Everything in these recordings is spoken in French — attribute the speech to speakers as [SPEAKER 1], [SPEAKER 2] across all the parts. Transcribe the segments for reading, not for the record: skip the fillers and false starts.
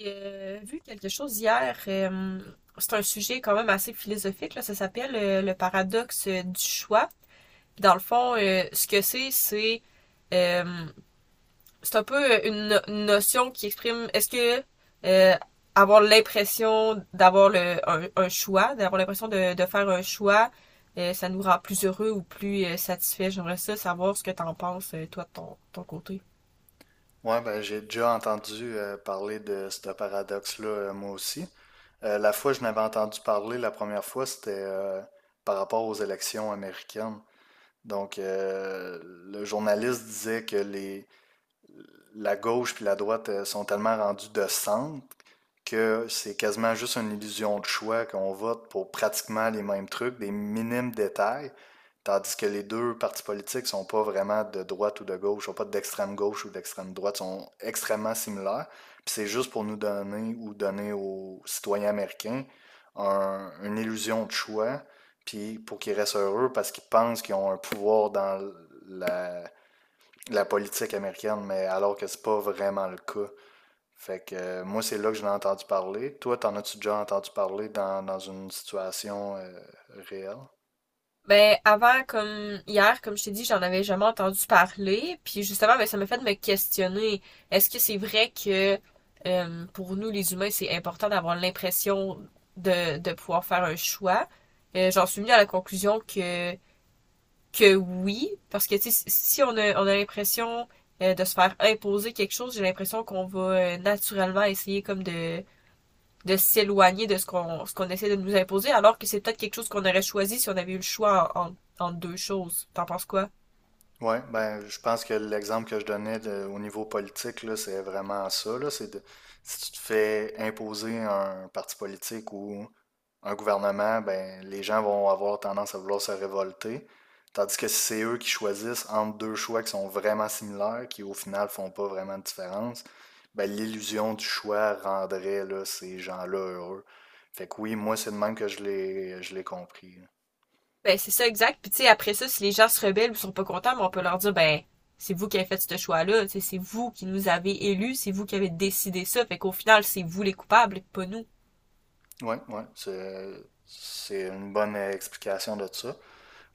[SPEAKER 1] J'ai vu quelque chose hier. C'est un sujet quand même assez philosophique, là. Ça s'appelle le paradoxe du choix. Dans le fond, ce que c'est, euh, c'est un peu une, no- une notion qui exprime est-ce que euh, avoir l'impression d'avoir un choix, d'avoir l'impression de faire un choix, ça nous rend plus heureux ou plus satisfait. J'aimerais ça savoir ce que t'en penses, toi, de ton côté.
[SPEAKER 2] Ouais, ben, j'ai déjà entendu parler de ce paradoxe-là, moi aussi. La fois que je n'avais entendu parler la première fois, c'était par rapport aux élections américaines. Donc, le journaliste disait que la gauche puis la droite sont tellement rendues de centre que c'est quasiment juste une illusion de choix, qu'on vote pour pratiquement les mêmes trucs, des minimes détails, tandis que les deux partis politiques sont pas vraiment de droite ou de gauche, sont pas d'extrême gauche ou d'extrême droite, sont extrêmement similaires. Puis c'est juste pour nous donner ou donner aux citoyens américains une illusion de choix, puis pour qu'ils restent heureux parce qu'ils pensent qu'ils ont un pouvoir dans la, la politique américaine, mais alors que c'est pas vraiment le cas. Fait que moi, c'est là que je l'ai entendu parler. Toi, t'en as-tu déjà entendu parler dans une situation réelle?
[SPEAKER 1] Ben, avant, comme hier, comme je t'ai dit, j'en avais jamais entendu parler. Puis justement, ben, ça m'a fait me questionner. Est-ce que c'est vrai que pour nous, les humains, c'est important d'avoir l'impression de pouvoir faire un choix? J'en suis venue à la conclusion que oui, parce que tu sais, si on a, on a l'impression de se faire imposer quelque chose, j'ai l'impression qu'on va naturellement essayer comme de s'éloigner de ce qu'on essaie de nous imposer, alors que c'est peut-être quelque chose qu'on aurait choisi si on avait eu le choix entre deux choses. T'en penses quoi?
[SPEAKER 2] Oui, ben, je pense que l'exemple que je donnais au niveau politique, là, c'est vraiment ça, là, c'est de, si tu te fais imposer un parti politique ou un gouvernement, ben, les gens vont avoir tendance à vouloir se révolter. Tandis que si c'est eux qui choisissent entre deux choix qui sont vraiment similaires, qui au final font pas vraiment de différence, ben, l'illusion du choix rendrait, là, ces gens-là heureux. Fait que oui, moi, c'est de même que je l'ai compris.
[SPEAKER 1] Ben, c'est ça, exact. Puis, tu sais, après ça, si les gens se rebellent ou sont pas contents, ben, on peut leur dire, ben, c'est vous qui avez fait ce choix-là. Tu C'est vous qui nous avez élus, c'est vous qui avez décidé ça. Fait qu'au final, c'est vous les coupables, pas nous.
[SPEAKER 2] Ouais, ouais, c'est une bonne explication de ça.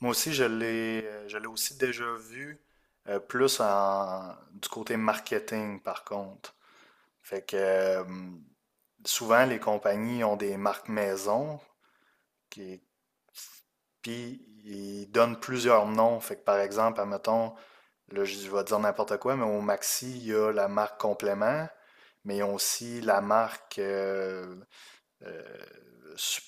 [SPEAKER 2] Moi aussi, je l'ai aussi déjà vu plus du côté marketing, par contre. Fait que souvent, les compagnies ont des marques maison qui puis ils donnent plusieurs noms. Fait que par exemple, admettons, là, je vais dire n'importe quoi, mais au Maxi, il y a la marque complément, mais ils ont aussi la marque euh, Sup-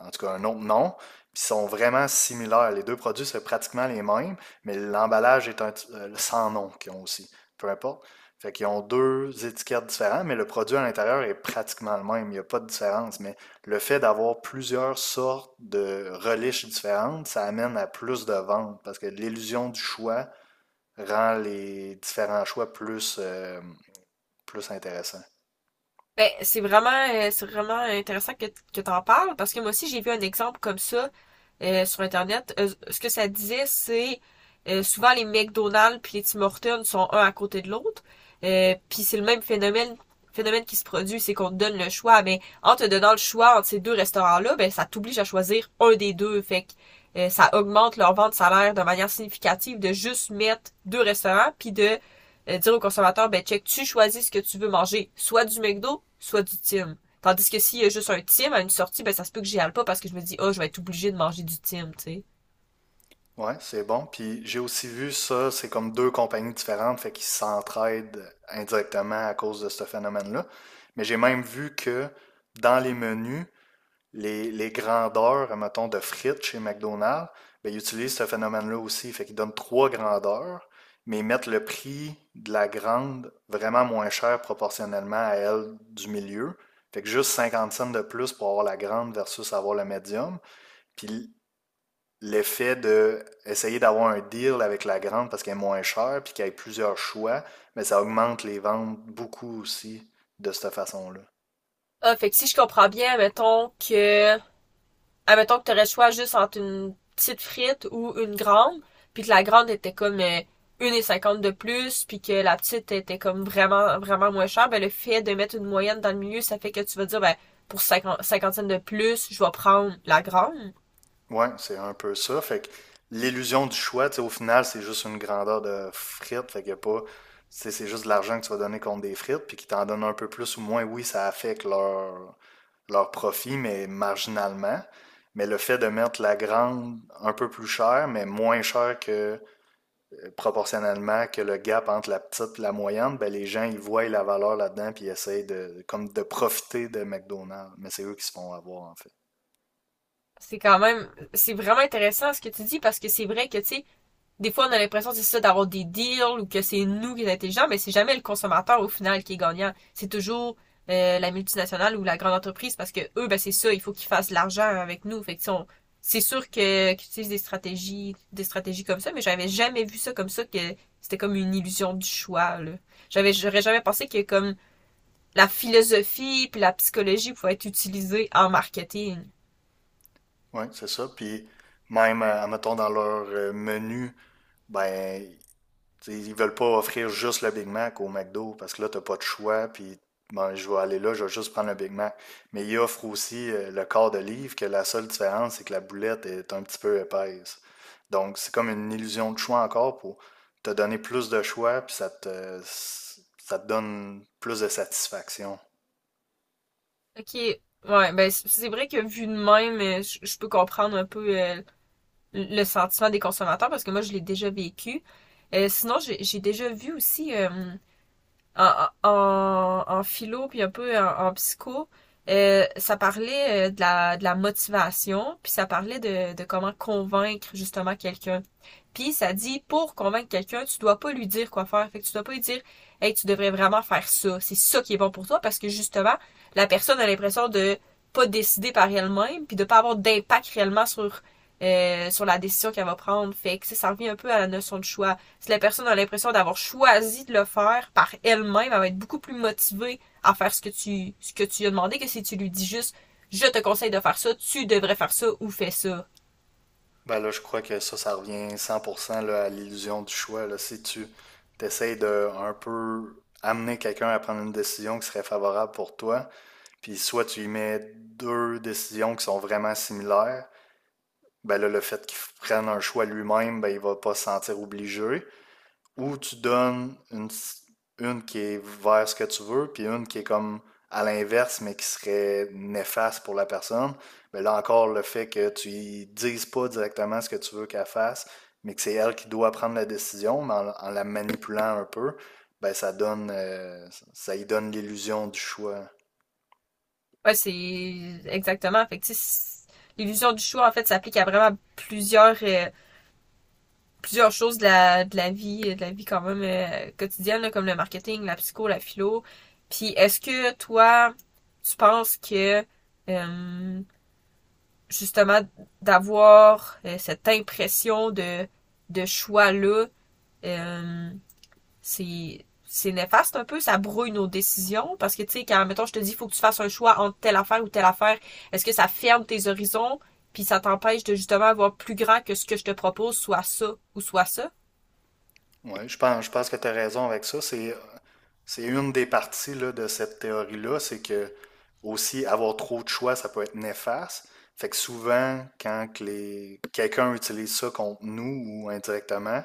[SPEAKER 2] en tout cas un autre nom, puis sont vraiment similaires. Les deux produits, c'est pratiquement les mêmes, mais l'emballage est un, sans nom qu'ils ont aussi, peu importe. Fait qu'ils ont deux étiquettes différentes, mais le produit à l'intérieur est pratiquement le même. Il n'y a pas de différence. Mais le fait d'avoir plusieurs sortes de reliches différentes, ça amène à plus de ventes parce que l'illusion du choix rend les différents choix plus intéressants.
[SPEAKER 1] Ben, c'est vraiment intéressant que t'en parles parce que moi aussi j'ai vu un exemple comme ça sur Internet. Ce que ça disait, c'est souvent les McDonald's puis les Tim Hortons sont un à côté de l'autre. Puis c'est le même phénomène qui se produit, c'est qu'on te donne le choix, mais en te donnant le choix entre ces deux restaurants-là, ben ça t'oblige à choisir un des deux. Fait que ça augmente leur vente de salaire de manière significative de juste mettre deux restaurants puis de dire au consommateur, ben check, tu choisis ce que tu veux manger, soit du McDo, soit du Tim. Tandis que s'il y a juste un Tim à une sortie, ben ça se peut que j'y aille pas parce que je me dis, oh, je vais être obligée de manger du Tim, tu sais.
[SPEAKER 2] Ouais, c'est bon. Puis j'ai aussi vu ça, c'est comme deux compagnies différentes, fait qu'ils s'entraident indirectement à cause de ce phénomène-là. Mais j'ai même vu que dans les menus, les grandeurs, mettons, de frites chez McDonald's, ben, ils utilisent ce phénomène-là aussi. Fait qu'ils donnent trois grandeurs, mais ils mettent le prix de la grande vraiment moins cher proportionnellement à elle du milieu. Fait que juste 50 cents de plus pour avoir la grande versus avoir le médium. Puis le fait de essayer d'avoir un deal avec la grande parce qu'elle est moins chère puis qu'il y ait plusieurs choix, mais ça augmente les ventes beaucoup aussi de cette façon-là.
[SPEAKER 1] Ah, fait que si je comprends bien, mettons que, admettons que t'aurais le choix juste entre une petite frite ou une grande, puis que la grande était comme une cinquante de plus, puis que la petite était comme vraiment, vraiment moins chère, ben le fait de mettre une moyenne dans le milieu, ça fait que tu vas dire, ben, pour 50 cinquantaine de plus, je vais prendre la grande.
[SPEAKER 2] Ouais, c'est un peu ça. Fait que l'illusion du choix, tu sais, au final, c'est juste une grandeur de frites. Fait qu'il y a pas. C'est juste de l'argent que tu vas donner contre des frites, puis qui t'en donnent un peu plus ou moins. Oui, ça affecte leur profit, mais marginalement. Mais le fait de mettre la grande un peu plus chère, mais moins chère que proportionnellement que le gap entre la petite et la moyenne, ben, les gens, ils voient la valeur là-dedans puis ils essayent de, comme de profiter de McDonald's. Mais c'est eux qui se font avoir, en fait.
[SPEAKER 1] C'est quand même, c'est vraiment intéressant ce que tu dis parce que c'est vrai que, tu sais, des fois on a l'impression, c'est ça, d'avoir des deals ou que c'est nous qui sommes intelligents, mais c'est jamais le consommateur au final qui est gagnant. C'est toujours la multinationale ou la grande entreprise parce que eux, ben c'est ça, il faut qu'ils fassent de l'argent avec nous. Fait que, tu on- C'est sûr que qu'ils utilisent des stratégies comme ça, mais j'avais jamais vu ça comme ça que c'était comme une illusion du choix, là. J'aurais jamais pensé que comme la philosophie puis la psychologie pouvaient être utilisées en marketing.
[SPEAKER 2] Oui, c'est ça. Puis même, mettons, dans leur menu, ben, t'sais, ils veulent pas offrir juste le Big Mac au McDo parce que là, t'as pas de choix, puis bon, je vais aller là, je vais juste prendre le Big Mac. Mais ils offrent aussi le quart de livre, que la seule différence, c'est que la boulette est un petit peu épaisse. Donc, c'est comme une illusion de choix encore pour te donner plus de choix, puis ça te donne plus de satisfaction.
[SPEAKER 1] Ok, ouais, ben c'est vrai que vu de même, je peux comprendre un peu le sentiment des consommateurs parce que moi je l'ai déjà vécu. Sinon, j'ai déjà vu aussi en philo puis un peu en psycho, ça parlait de la motivation puis ça parlait de comment convaincre justement quelqu'un. Puis ça dit pour convaincre quelqu'un, tu dois pas lui dire quoi faire. Fait que tu dois pas lui dire, hey, tu devrais vraiment faire ça. C'est ça qui est bon pour toi parce que justement, la personne a l'impression de pas décider par elle-même puis de pas avoir d'impact réellement sur sur la décision qu'elle va prendre. Fait que ça revient un peu à la notion de choix. Si la personne a l'impression d'avoir choisi de le faire par elle-même, elle va être beaucoup plus motivée à faire ce que tu lui as demandé que si tu lui dis juste je te conseille de faire ça, tu devrais faire ça ou fais ça.
[SPEAKER 2] Ben là, je crois que ça revient 100% là, à l'illusion du choix. Là. Si tu t'essayes de un peu amener quelqu'un à prendre une décision qui serait favorable pour toi, puis soit tu y mets deux décisions qui sont vraiment similaires, ben là, le fait qu'il prenne un choix lui-même, ben il va pas se sentir obligé. Ou tu donnes une qui est vers ce que tu veux, puis une qui est comme à l'inverse, mais qui serait néfaste pour la personne. Ben là encore, le fait que tu y dises pas directement ce que tu veux qu'elle fasse, mais que c'est elle qui doit prendre la décision, mais en la manipulant un peu, ben ça donne, ça y donne l'illusion du choix.
[SPEAKER 1] Ouais, c'est exactement. Fait que, tu sais, l'illusion du choix, en fait, s'applique à vraiment plusieurs choses de de la vie quand même quotidienne, là, comme le marketing, la psycho, la philo. Puis, est-ce que toi, tu penses que, euh, justement, d'avoir cette impression de choix-là, euh, c'est c'est néfaste un peu, ça brouille nos décisions parce que tu sais quand mettons je te dis il faut que tu fasses un choix entre telle affaire ou telle affaire, est-ce que ça ferme tes horizons puis ça t'empêche de justement avoir plus grand que ce que je te propose soit ça ou soit ça?
[SPEAKER 2] Oui, je pense que tu as raison avec ça. C'est une des parties là, de cette théorie-là, c'est que aussi avoir trop de choix, ça peut être néfaste. Fait que souvent, quand que quelqu'un utilise ça contre nous ou indirectement,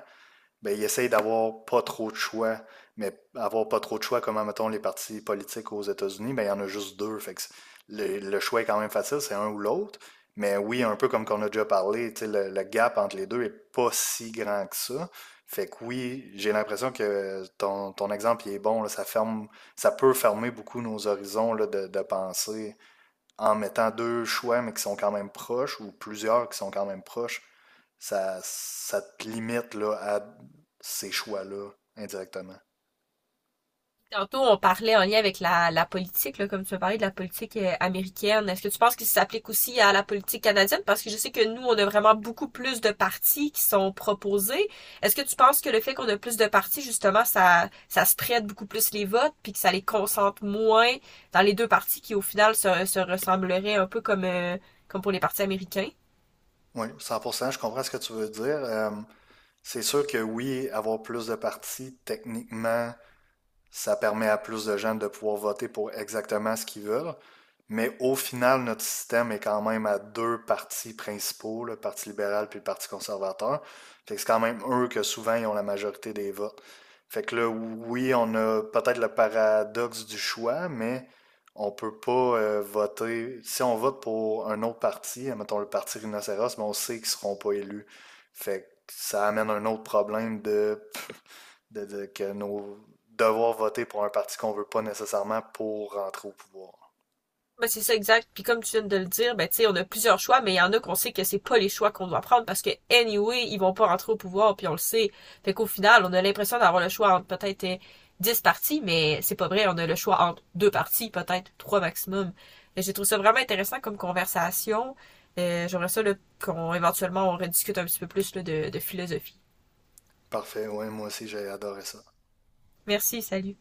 [SPEAKER 2] ben, ils essayent d'avoir pas trop de choix. Mais avoir pas trop de choix, comme mettons les partis politiques aux États-Unis, ben, il y en a juste deux. Fait que le choix est quand même facile, c'est un ou l'autre. Mais oui, un peu comme qu'on a déjà parlé, tu sais, le gap entre les deux est pas si grand que ça. Fait que oui, j'ai l'impression que ton exemple il est bon, là, ça peut fermer beaucoup nos horizons là, de pensée en mettant deux choix, mais qui sont quand même proches, ou plusieurs qui sont quand même proches, ça te limite là, à ces choix-là indirectement.
[SPEAKER 1] Tantôt, on parlait en lien avec la politique, là, comme tu as parlé de la politique américaine. Est-ce que tu penses qu'il s'applique aussi à la politique canadienne? Parce que je sais que nous, on a vraiment beaucoup plus de partis qui sont proposés. Est-ce que tu penses que le fait qu'on a plus de partis, justement, ça spread beaucoup plus les votes, puis que ça les concentre moins dans les deux partis qui, au final, se ressembleraient un peu comme, comme pour les partis américains?
[SPEAKER 2] Oui, 100%, je comprends ce que tu veux dire. C'est sûr que oui, avoir plus de partis, techniquement, ça permet à plus de gens de pouvoir voter pour exactement ce qu'ils veulent. Mais au final, notre système est quand même à deux partis principaux, le Parti libéral puis le Parti conservateur. Fait que c'est quand même eux que souvent ils ont la majorité des votes. Fait que là, oui, on a peut-être le paradoxe du choix, mais on peut pas voter. Si on vote pour un autre parti, mettons le parti Rhinocéros, mais on sait qu'ils seront pas élus. Fait que ça amène un autre problème de que nos devoir voter pour un parti qu'on veut pas nécessairement pour rentrer au pouvoir.
[SPEAKER 1] Ben, c'est ça, exact. Puis comme tu viens de le dire, ben, tu sais, on a plusieurs choix, mais il y en a qu'on sait que c'est pas les choix qu'on doit prendre parce que, anyway, ils vont pas rentrer au pouvoir, puis on le sait. Fait qu'au final, on a l'impression d'avoir le choix entre peut-être dix 10 partis, mais c'est pas vrai. On a le choix entre deux partis, peut-être trois maximum. J'ai trouvé ça vraiment intéressant comme conversation. J'aimerais ça, là, qu'on, éventuellement, on rediscute un petit peu plus, là, de philosophie.
[SPEAKER 2] Parfait, ouais, moi aussi j'ai adoré ça.
[SPEAKER 1] Merci, salut.